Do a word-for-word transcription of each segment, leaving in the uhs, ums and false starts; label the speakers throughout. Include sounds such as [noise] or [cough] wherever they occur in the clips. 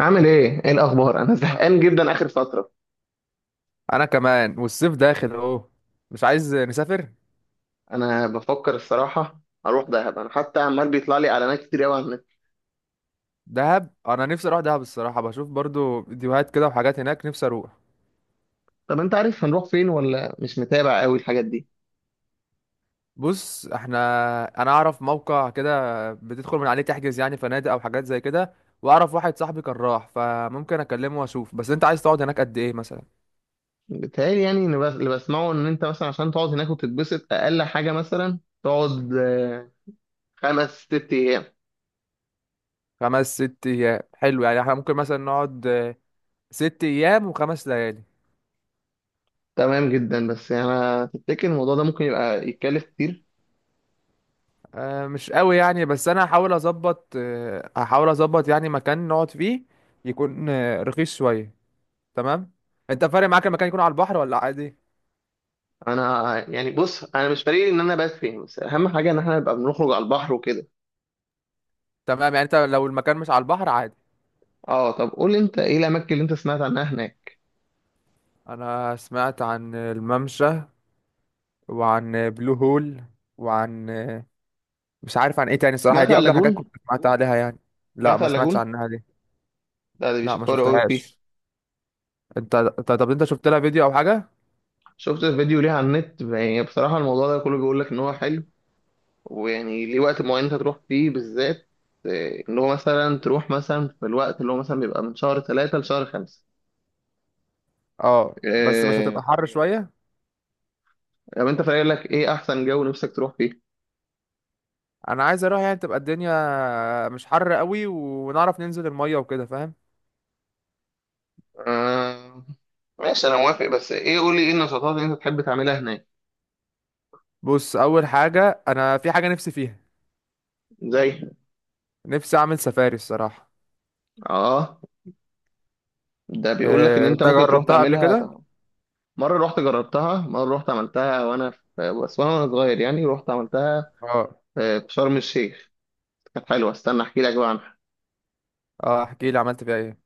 Speaker 1: عامل ايه؟ ايه الاخبار؟ انا زهقان جدا اخر فتره.
Speaker 2: انا كمان والصيف داخل اهو. مش عايز نسافر.
Speaker 1: انا بفكر الصراحه اروح دهب، انا حتى عمال بيطلع لي اعلانات كتير قوي على النت.
Speaker 2: دهب، انا نفسي اروح دهب الصراحه، بشوف برضو فيديوهات كده وحاجات هناك، نفسي اروح.
Speaker 1: طب انت عارف هنروح فين ولا مش متابع قوي الحاجات دي؟
Speaker 2: بص احنا انا اعرف موقع كده بتدخل من عليه تحجز يعني فنادق او حاجات زي كده، واعرف واحد صاحبي كان راح فممكن اكلمه واشوف، بس انت عايز تقعد هناك قد ايه مثلا؟
Speaker 1: بيتهيألي يعني إن بس- اللي بسمعه ان انت مثلا عشان تقعد هناك وتتبسط، اقل حاجه مثلا تقعد آه، خمس ست ايام.
Speaker 2: خمس ست ايام؟ حلو، يعني احنا ممكن مثلا نقعد آه، ست ايام وخمس ليالي.
Speaker 1: تمام جدا، بس يعني انا تفتكر الموضوع ده ممكن يبقى يتكلف كتير؟
Speaker 2: آه، مش قوي يعني، بس انا هحاول اظبط، آه، هحاول اظبط يعني مكان نقعد فيه يكون آه، رخيص شويه. تمام. انت فارق معاك المكان يكون على البحر ولا عادي؟
Speaker 1: انا يعني بص، انا مش فارق لي ان انا بس فين، بس اهم حاجه ان احنا نبقى بنخرج على البحر وكده.
Speaker 2: تمام يعني، انت لو المكان مش على البحر عادي.
Speaker 1: اه طب قول لي، انت ايه الاماكن اللي انت سمعت عنها هناك؟
Speaker 2: انا سمعت عن الممشى وعن بلو هول وعن آه، مش عارف عن ايه تاني الصراحه،
Speaker 1: سمعت عن
Speaker 2: دي اكتر حاجات كنت
Speaker 1: اللاجون.
Speaker 2: سمعت عليها يعني. لا،
Speaker 1: سمعت عن
Speaker 2: ما سمعتش
Speaker 1: اللاجون.
Speaker 2: عنها دي.
Speaker 1: لا ده
Speaker 2: لا، ما
Speaker 1: بيشكروا قوي فيه.
Speaker 2: شفتهاش. انت ط- طب انت شفت لها فيديو او حاجه؟
Speaker 1: شفت فيديو ليه على النت، يعني بصراحة الموضوع ده كله بيقول لك ان هو حلو، ويعني ليه وقت معين انت تروح فيه بالذات، آه، ان هو مثلا تروح مثلا في الوقت اللي هو مثلا بيبقى من شهر ثلاثة لشهر خمسة.
Speaker 2: اه بس مش
Speaker 1: آه.
Speaker 2: هتبقى حر شويه؟
Speaker 1: طب انت فاكر لك ايه احسن جو نفسك تروح فيه؟
Speaker 2: انا عايز اروح يعني تبقى الدنيا مش حر قوي ونعرف ننزل المية وكده، فاهم؟
Speaker 1: آه. ماشي، انا موافق، بس ايه؟ قولي ايه النشاطات اللي انت تحب تعملها هناك.
Speaker 2: بص، اول حاجة انا في حاجة نفسي فيها.
Speaker 1: زي؟
Speaker 2: نفسي اعمل سفاري الصراحة.
Speaker 1: اه ده بيقول لك ان
Speaker 2: إيه،
Speaker 1: انت
Speaker 2: انت
Speaker 1: ممكن تروح
Speaker 2: جربتها قبل
Speaker 1: تعملها.
Speaker 2: كده؟
Speaker 1: مرة رحت جربتها، مرة رحت عملتها وأنا في، بس وأنا صغير يعني رحت عملتها
Speaker 2: اه،
Speaker 1: في في شرم الشيخ. كانت حلوة، استنى أحكي لك بقى عنها.
Speaker 2: اه، احكي لي عملت فيها ايه.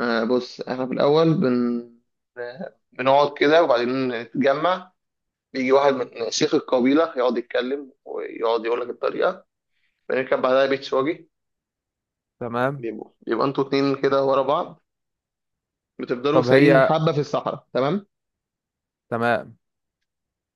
Speaker 1: آه، بص إحنا في الأول بن بنقعد كده وبعدين نتجمع. بيجي واحد من شيخ القبيلة يقعد يتكلم ويقعد يقول لك الطريقة. بنركب بعدها بيتش واجي.
Speaker 2: تمام.
Speaker 1: بيبقوا، يبقى انتوا اتنين كده ورا بعض، بتفضلوا
Speaker 2: طب
Speaker 1: سايقين
Speaker 2: هي.
Speaker 1: حبة في الصحراء. تمام.
Speaker 2: تمام.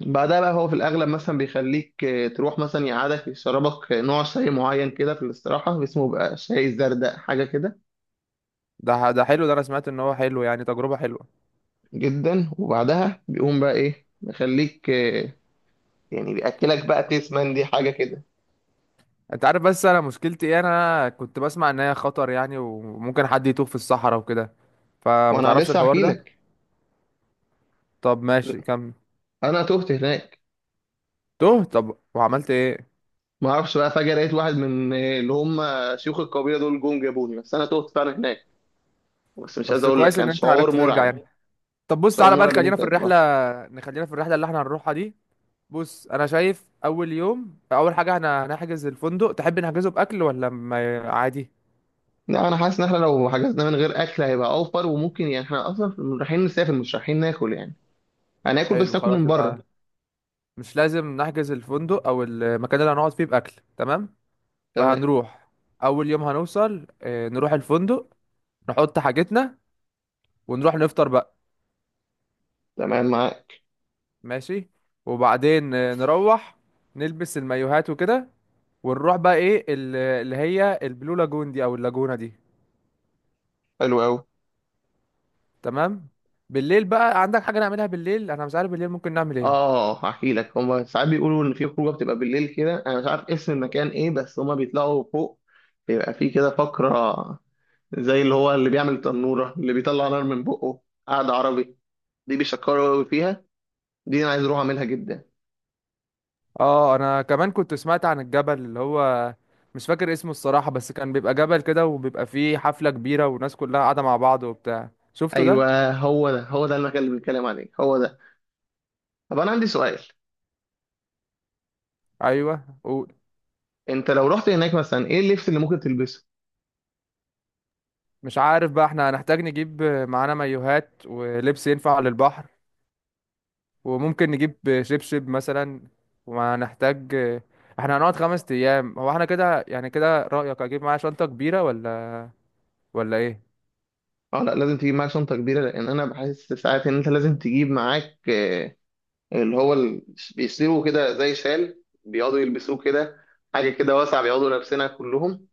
Speaker 1: بعدها بقى هو في الأغلب مثلا بيخليك آه، تروح مثلا، يقعدك يشربك آه، نوع شاي معين كده في الاستراحة، اسمه بقى شاي زردق حاجة كده،
Speaker 2: ده ده حلو، ده انا سمعت ان هو حلو، يعني تجربة حلوة.
Speaker 1: جدا. وبعدها بيقوم بقى إيه، يخليك آه، يعني بيأكلك بقى تسمن، دي حاجة كده.
Speaker 2: انت عارف بس انا مشكلتي ايه؟ انا كنت بسمع ان هي خطر يعني، وممكن حد يتوه في الصحراء وكده،
Speaker 1: ما
Speaker 2: فما
Speaker 1: أنا
Speaker 2: تعرفش
Speaker 1: لسه
Speaker 2: الحوار
Speaker 1: هحكي
Speaker 2: ده؟
Speaker 1: لك.
Speaker 2: طب ماشي كمل.
Speaker 1: أنا تهت هناك.
Speaker 2: توه؟ طب وعملت ايه؟
Speaker 1: ما أعرفش بقى، فجأة لقيت واحد من آه، اللي هم شيوخ القبيلة دول جم جابوني، بس أنا تهت فعلا هناك. بس مش عايز
Speaker 2: بس
Speaker 1: أقول لك،
Speaker 2: كويس ان
Speaker 1: كان
Speaker 2: انت
Speaker 1: شعور
Speaker 2: عرفت ترجع
Speaker 1: مرعب.
Speaker 2: يعني. طب بص،
Speaker 1: شعور
Speaker 2: تعالى بقى
Speaker 1: مرعب إن
Speaker 2: خلينا
Speaker 1: أنت.
Speaker 2: في الرحلة. نخلينا في الرحلة اللي احنا هنروحها دي. بص انا شايف اول يوم اول حاجة احنا هنحجز الفندق، تحب نحجزه باكل ولا ما؟ عادي.
Speaker 1: لا انا حاسس ان احنا لو حجزنا من غير اكل هيبقى اوفر، وممكن يعني احنا اصلا رايحين نسافر مش رايحين ناكل يعني. هناكل
Speaker 2: حلو
Speaker 1: بس ناكل
Speaker 2: خلاص،
Speaker 1: من
Speaker 2: يبقى
Speaker 1: بره.
Speaker 2: مش لازم نحجز الفندق او المكان اللي هنقعد فيه باكل. تمام.
Speaker 1: تمام.
Speaker 2: فهنروح اول يوم، هنوصل اه، نروح الفندق، نحط حاجتنا، ونروح نفطر بقى.
Speaker 1: تمام معاك.
Speaker 2: ماشي. وبعدين اه، نروح نلبس المايوهات وكده، ونروح بقى ايه ال- اللي هي البلو لاجون دي او اللاجونة دي.
Speaker 1: حلو قوي.
Speaker 2: تمام. بالليل بقى عندك حاجة نعملها بالليل؟ انا مش عارف بالليل ممكن نعمل ايه.
Speaker 1: اه هحكي لك، هما ساعات بيقولوا ان في خروجه بتبقى بالليل كده، انا مش عارف اسم المكان ايه، بس هما بيطلعوا فوق. بيبقى في كده فقره زي اللي هو اللي بيعمل تنوره، اللي بيطلع نار من بقه. قعده عربي. دي بيشكروا قوي فيها. دي انا عايز اروح اعملها جدا.
Speaker 2: اه انا كمان كنت سمعت عن الجبل اللي هو، مش فاكر اسمه الصراحة، بس كان بيبقى جبل كده وبيبقى فيه حفلة كبيرة والناس كلها قاعدة مع بعض وبتاع، شفته ده؟
Speaker 1: ايوه، هو ده، هو ده المكان اللي بنتكلم عليه، هو ده. طب انا عندي سؤال.
Speaker 2: ايوه. ومش.
Speaker 1: انت لو رحت هناك مثلا، ايه اللبس اللي ممكن تلبسه؟
Speaker 2: عارف بقى احنا هنحتاج نجيب معانا مايوهات ولبس ينفع للبحر، وممكن نجيب شبشب مثلا. وهنحتاج، احنا هنقعد خمس ايام، هو احنا كده يعني، كده رأيك اجيب معايا شنطة كبيرة ولا ولا ايه؟
Speaker 1: اه لا، لازم تجيب معاك شنطه كبيره، لان انا بحس ساعات ان انت لازم تجيب معاك آه، اللي هو ال- بيصيروا كده زي شال بيقعدوا يلبسوه كده. حاجه كده واسعه بيقعدوا لابسينها كلهم،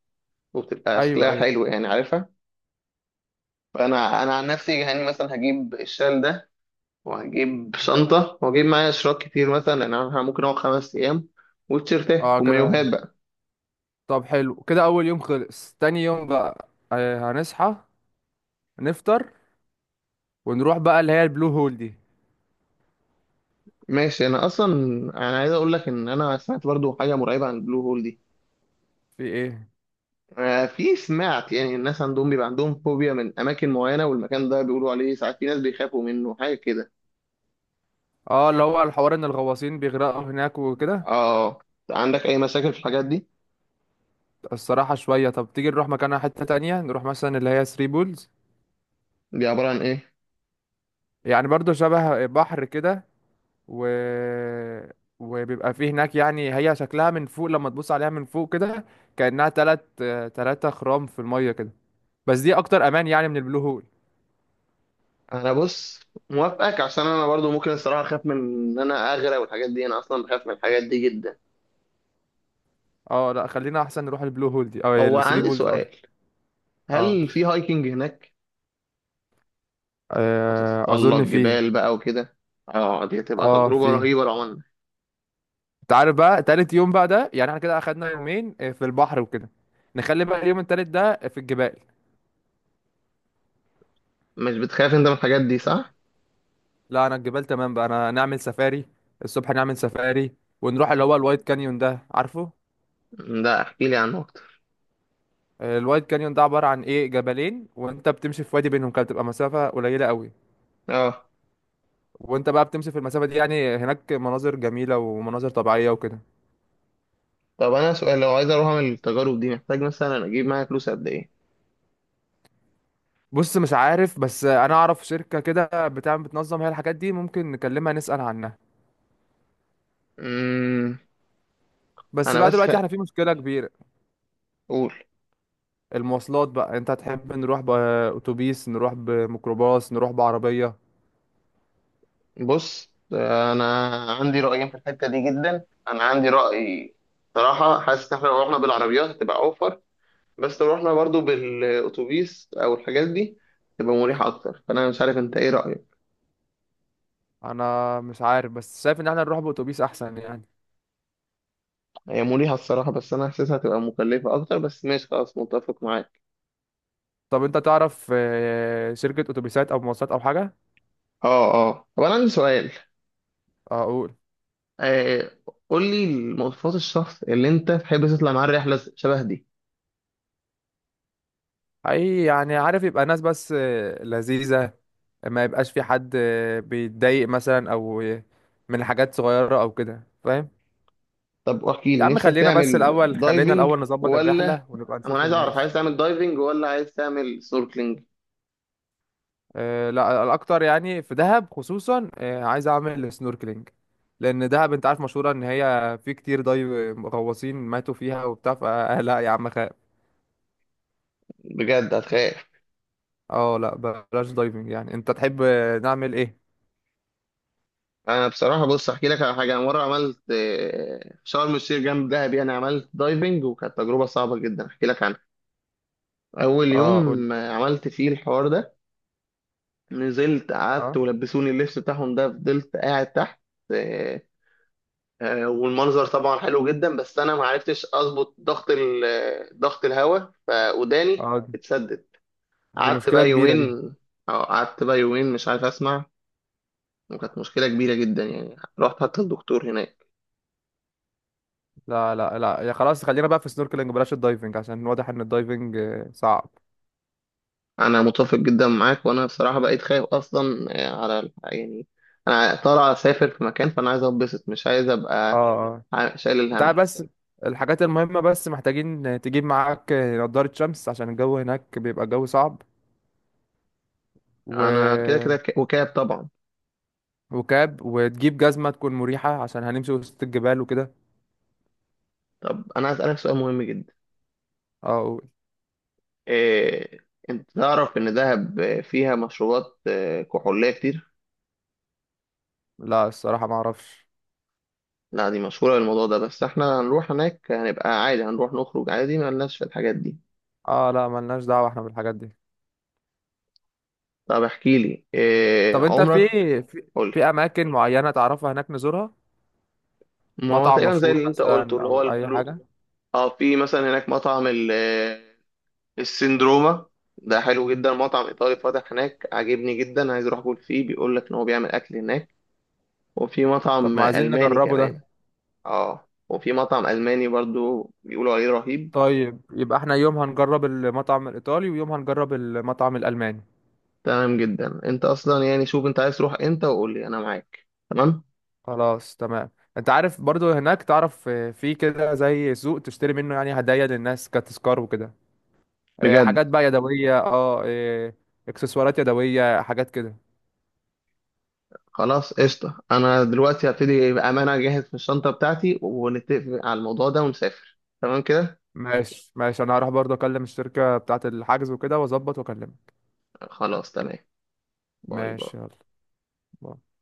Speaker 1: وبتبقى
Speaker 2: ايوه،
Speaker 1: شكلها
Speaker 2: ايوه.
Speaker 1: حلو يعني، عارفها. فانا، انا عن نفسي يعني مثلا هجيب الشال ده، وهجيب شنطه، وهجيب معايا اشراك كتير مثلا لان انا ممكن اقعد خمس ايام،
Speaker 2: اه
Speaker 1: وتيشيرتات ومايوهات
Speaker 2: كده.
Speaker 1: بقى.
Speaker 2: طب حلو كده، اول يوم خلص. تاني يوم بقى آه، هنصحى، نفطر، ونروح بقى اللي هي البلو هول دي.
Speaker 1: ماشي، انا اصلا انا عايز اقول لك ان انا سمعت برضو حاجه مرعبه عن البلو هول دي.
Speaker 2: في ايه؟
Speaker 1: آه، في، سمعت يعني الناس عندهم بيبقى عندهم فوبيا من اماكن معينه، والمكان ده بيقولوا عليه ساعات في ناس بيخافوا منه، حاجه كده.
Speaker 2: اه اللي هو الحوار ان الغواصين بيغرقوا هناك وكده.
Speaker 1: اه. عندك اي مشاكل في الحاجات دي؟
Speaker 2: الصراحة شوية. طب تيجي نروح مكانها حتة تانية، نروح مثلا اللي هي ثري بولز.
Speaker 1: دي عباره عن ايه؟
Speaker 2: يعني برضو شبه بحر كده. و... وبيبقى فيه هناك يعني، هي شكلها من فوق لما تبص عليها من فوق كده كأنها تلات آه، تلاتة خرام في المية كده. بس دي اكتر امان يعني من البلو هول.
Speaker 1: انا بص، موافقك عشان انا برضو ممكن الصراحه اخاف من ان انا اغرق والحاجات دي، انا اصلا بخاف من الحاجات دي جدا.
Speaker 2: اه لا، خلينا احسن نروح البلو هول دي او
Speaker 1: هو
Speaker 2: الثري
Speaker 1: عندي
Speaker 2: بولز.
Speaker 1: سؤال.
Speaker 2: اه،
Speaker 1: هل في هايكنج هناك؟
Speaker 2: آه،
Speaker 1: هتتسلق
Speaker 2: اظن فيه.
Speaker 1: جبال بقى وكده. اه دي هتبقى
Speaker 2: اه
Speaker 1: تجربه
Speaker 2: فيه.
Speaker 1: رهيبه لو عملنا.
Speaker 2: انت عارف بقى تالت يوم بقى ده، يعني احنا كده اخدنا يومين آه، في البحر وكده، نخلي بقى اليوم التالت ده في الجبال.
Speaker 1: مش بتخاف انت من الحاجات دي، صح؟
Speaker 2: لا انا الجبال تمام بقى. انا نعمل سفاري، الصبح نعمل سفاري، ونروح اللي هو الوايت كانيون ده، عارفه؟
Speaker 1: لا احكي لي عنه اكتر.
Speaker 2: آه، الوايت كانيون ده عبارة عن ايه؟ جبلين وانت بتمشي في وادي بينهم كده، بتبقى مسافة قليلة قوي،
Speaker 1: اه،
Speaker 2: وانت بقى بتمشي في المسافة دي، يعني هناك مناظر جميلة ومناظر طبيعية وكده.
Speaker 1: طب انا سؤال، لو عايز اروح اعمل التجارب دي محتاج مثلا اجيب معايا فلوس قد ايه؟
Speaker 2: بص مش عارف، بس انا اعرف شركة كده بتعمل بتنظم هي الحاجات دي، ممكن نكلمها نسأل عنها.
Speaker 1: امم
Speaker 2: بس
Speaker 1: انا
Speaker 2: بقى
Speaker 1: بس خ...
Speaker 2: دلوقتي احنا في مشكلة كبيرة.
Speaker 1: قول.
Speaker 2: المواصلات بقى، انت هتحب نروح بأتوبيس، نروح بميكروباص، نروح بعربية؟
Speaker 1: بص انا عندي رايين في الحته دي جدا، انا عندي راي. صراحه حاسس ان احنا لو رحنا بالعربيات هتبقى اوفر، بس لو رحنا برضو بالاتوبيس او الحاجات دي تبقى مريحه اكتر، فانا مش عارف انت ايه رايك.
Speaker 2: انا مش عارف، بس شايف ان احنا نروح بأتوبيس احسن يعني.
Speaker 1: هي مريحه الصراحه، بس انا حاسسها هتبقى مكلفه اكتر، بس ماشي خلاص متفق معاك.
Speaker 2: طب انت تعرف آه، شركة اتوبيسات او مواصلات او حاجة؟
Speaker 1: اه اه، طب انا عندي سؤال.
Speaker 2: اقول.
Speaker 1: آه، قول لي مواصفات الشخص اللي انت تحب تطلع معاه الرحله شبه دي.
Speaker 2: اي يعني، عارف يبقى ناس بس آه، لذيذة. ما يبقاش في حد آه، بيتضايق مثلا او آه، من حاجات صغيرة او كده، فاهم؟
Speaker 1: طب احكي
Speaker 2: يا
Speaker 1: لي،
Speaker 2: عم
Speaker 1: نفسك
Speaker 2: خلينا بس
Speaker 1: تعمل
Speaker 2: الأول، خلينا
Speaker 1: دايفنج
Speaker 2: الأول نظبط
Speaker 1: ولا؟
Speaker 2: الرحلة ونبقى
Speaker 1: انا
Speaker 2: نشوف
Speaker 1: عايز اعرف،
Speaker 2: الناس.
Speaker 1: عايز تعمل دايفنج ولا عايز تعمل سnorkeling؟
Speaker 2: أه لا، الأكتر يعني في دهب خصوصا، أه عايز أعمل سنوركلينج، لأن دهب أنت عارف مشهورة إن هي في كتير دايف غواصين ماتوا فيها وبتاع، فأه [laughs] لا يا عم خير.
Speaker 1: بجد هتخاف؟
Speaker 2: اه لا بلاش دايفنج يعني. أنت تحب آه، نعمل إيه؟
Speaker 1: انا بصراحه بص، احكي لك على حاجه. انا مره عملت آه، شرم الشيخ جنب دهب يعني، عملت دايفنج وكانت تجربه صعبه جدا، احكي لك عنها. اول
Speaker 2: اه قول.
Speaker 1: يوم آه، عملت فيه الحوار ده. نزلت قعدت،
Speaker 2: اه،
Speaker 1: ولبسوني اللبس بتاعهم ده، فضلت قاعد تحت. آه، والمنظر طبعا حلو جدا، بس انا ما عرفتش اظبط ضغط ال- ضغط الهواء، فوداني
Speaker 2: اه،
Speaker 1: اتسدد.
Speaker 2: دي
Speaker 1: قعدت
Speaker 2: مشكلة
Speaker 1: بقى
Speaker 2: كبيرة دي.
Speaker 1: يومين. اه، قعدت بقى يومين مش عارف اسمع، وكانت مشكله كبيره جدا يعني، رحت حتى الدكتور هناك.
Speaker 2: لا، لا، لا، يا خلاص خلينا بقى في السنوركلينج، بلاش الدايفنج عشان واضح إن الدايفنج آه، صعب.
Speaker 1: انا متفق جدا معاك، وانا بصراحه بقيت خايف اصلا آه، على ال- يعني انا طالع اسافر في مكان، فانا عايز اتبسط، مش عايز
Speaker 2: اه.
Speaker 1: ابقى
Speaker 2: آه.
Speaker 1: عا- شايل الهم.
Speaker 2: تعال بس، الحاجات المهمة، بس محتاجين تجيب معاك نضارة شمس عشان الجو هناك بيبقى الجو صعب.
Speaker 1: انا كده
Speaker 2: و...
Speaker 1: كده ك- وكاب طبعا.
Speaker 2: وكاب، وتجيب جزمة تكون مريحة عشان هنمشي وسط الجبال وكده.
Speaker 1: طب انا عايز اسالك سؤال مهم جدا.
Speaker 2: اه
Speaker 1: إيه، انت تعرف ان دهب فيها مشروبات آه، كحولية كتير؟
Speaker 2: لا، الصراحة ما اعرفش.
Speaker 1: لا دي مشهورة بالموضوع ده، بس احنا هنروح هناك هنبقى عادي، هنروح نخرج عادي، ما لناش في الحاجات دي.
Speaker 2: اه لا، ملناش دعوة احنا بالحاجات دي.
Speaker 1: طب احكي لي إيه
Speaker 2: طب انت في.
Speaker 1: عمرك؟
Speaker 2: في,
Speaker 1: قول لي.
Speaker 2: في اماكن معينة تعرفها هناك نزورها؟
Speaker 1: ما هو
Speaker 2: مطعم
Speaker 1: تقريبا زي
Speaker 2: مشهور
Speaker 1: اللي انت قلته،
Speaker 2: مثلا
Speaker 1: اللي هو
Speaker 2: او اي
Speaker 1: البلو.
Speaker 2: حاجة؟
Speaker 1: اه، في مثلا هناك مطعم ال- آه، السندروما، ده حلو جدا، مطعم ايطالي فاتح هناك عاجبني جدا، عايز اروح اكل فيه. بيقول لك ان هو بيعمل اكل هناك، وفي
Speaker 2: طب
Speaker 1: مطعم
Speaker 2: ما عايزين
Speaker 1: الماني
Speaker 2: نجربه
Speaker 1: كمان.
Speaker 2: ده.
Speaker 1: اه وفي مطعم ألماني برضو بيقولوا عليه رهيب.
Speaker 2: طيب يبقى احنا يوم هنجرب المطعم الايطالي، ويوم هنجرب المطعم الالماني.
Speaker 1: تمام جدا. انت اصلا يعني شوف انت عايز تروح امتى وقول لي، انا معاك. تمام؟
Speaker 2: خلاص تمام. انت عارف برضو هناك تعرف آه، في كده زي سوق تشتري منه يعني هدايا للناس كتذكار وكده. آه،
Speaker 1: بجد.
Speaker 2: حاجات بقى يدوية، اه، آه، اكسسوارات يدوية، حاجات كده.
Speaker 1: خلاص، قشطه، انا دلوقتي هبتدي بامانه اجهز في الشنطه بتاعتي، ونتفق على الموضوع ده ونسافر، تمام كده.
Speaker 2: ماشي، ماشي، انا هروح برضو اكلم الشركة بتاعة الحجز وكده واظبط واكلمك.
Speaker 1: خلاص تمام. باي
Speaker 2: ماشي.
Speaker 1: باي.
Speaker 2: يلا باي.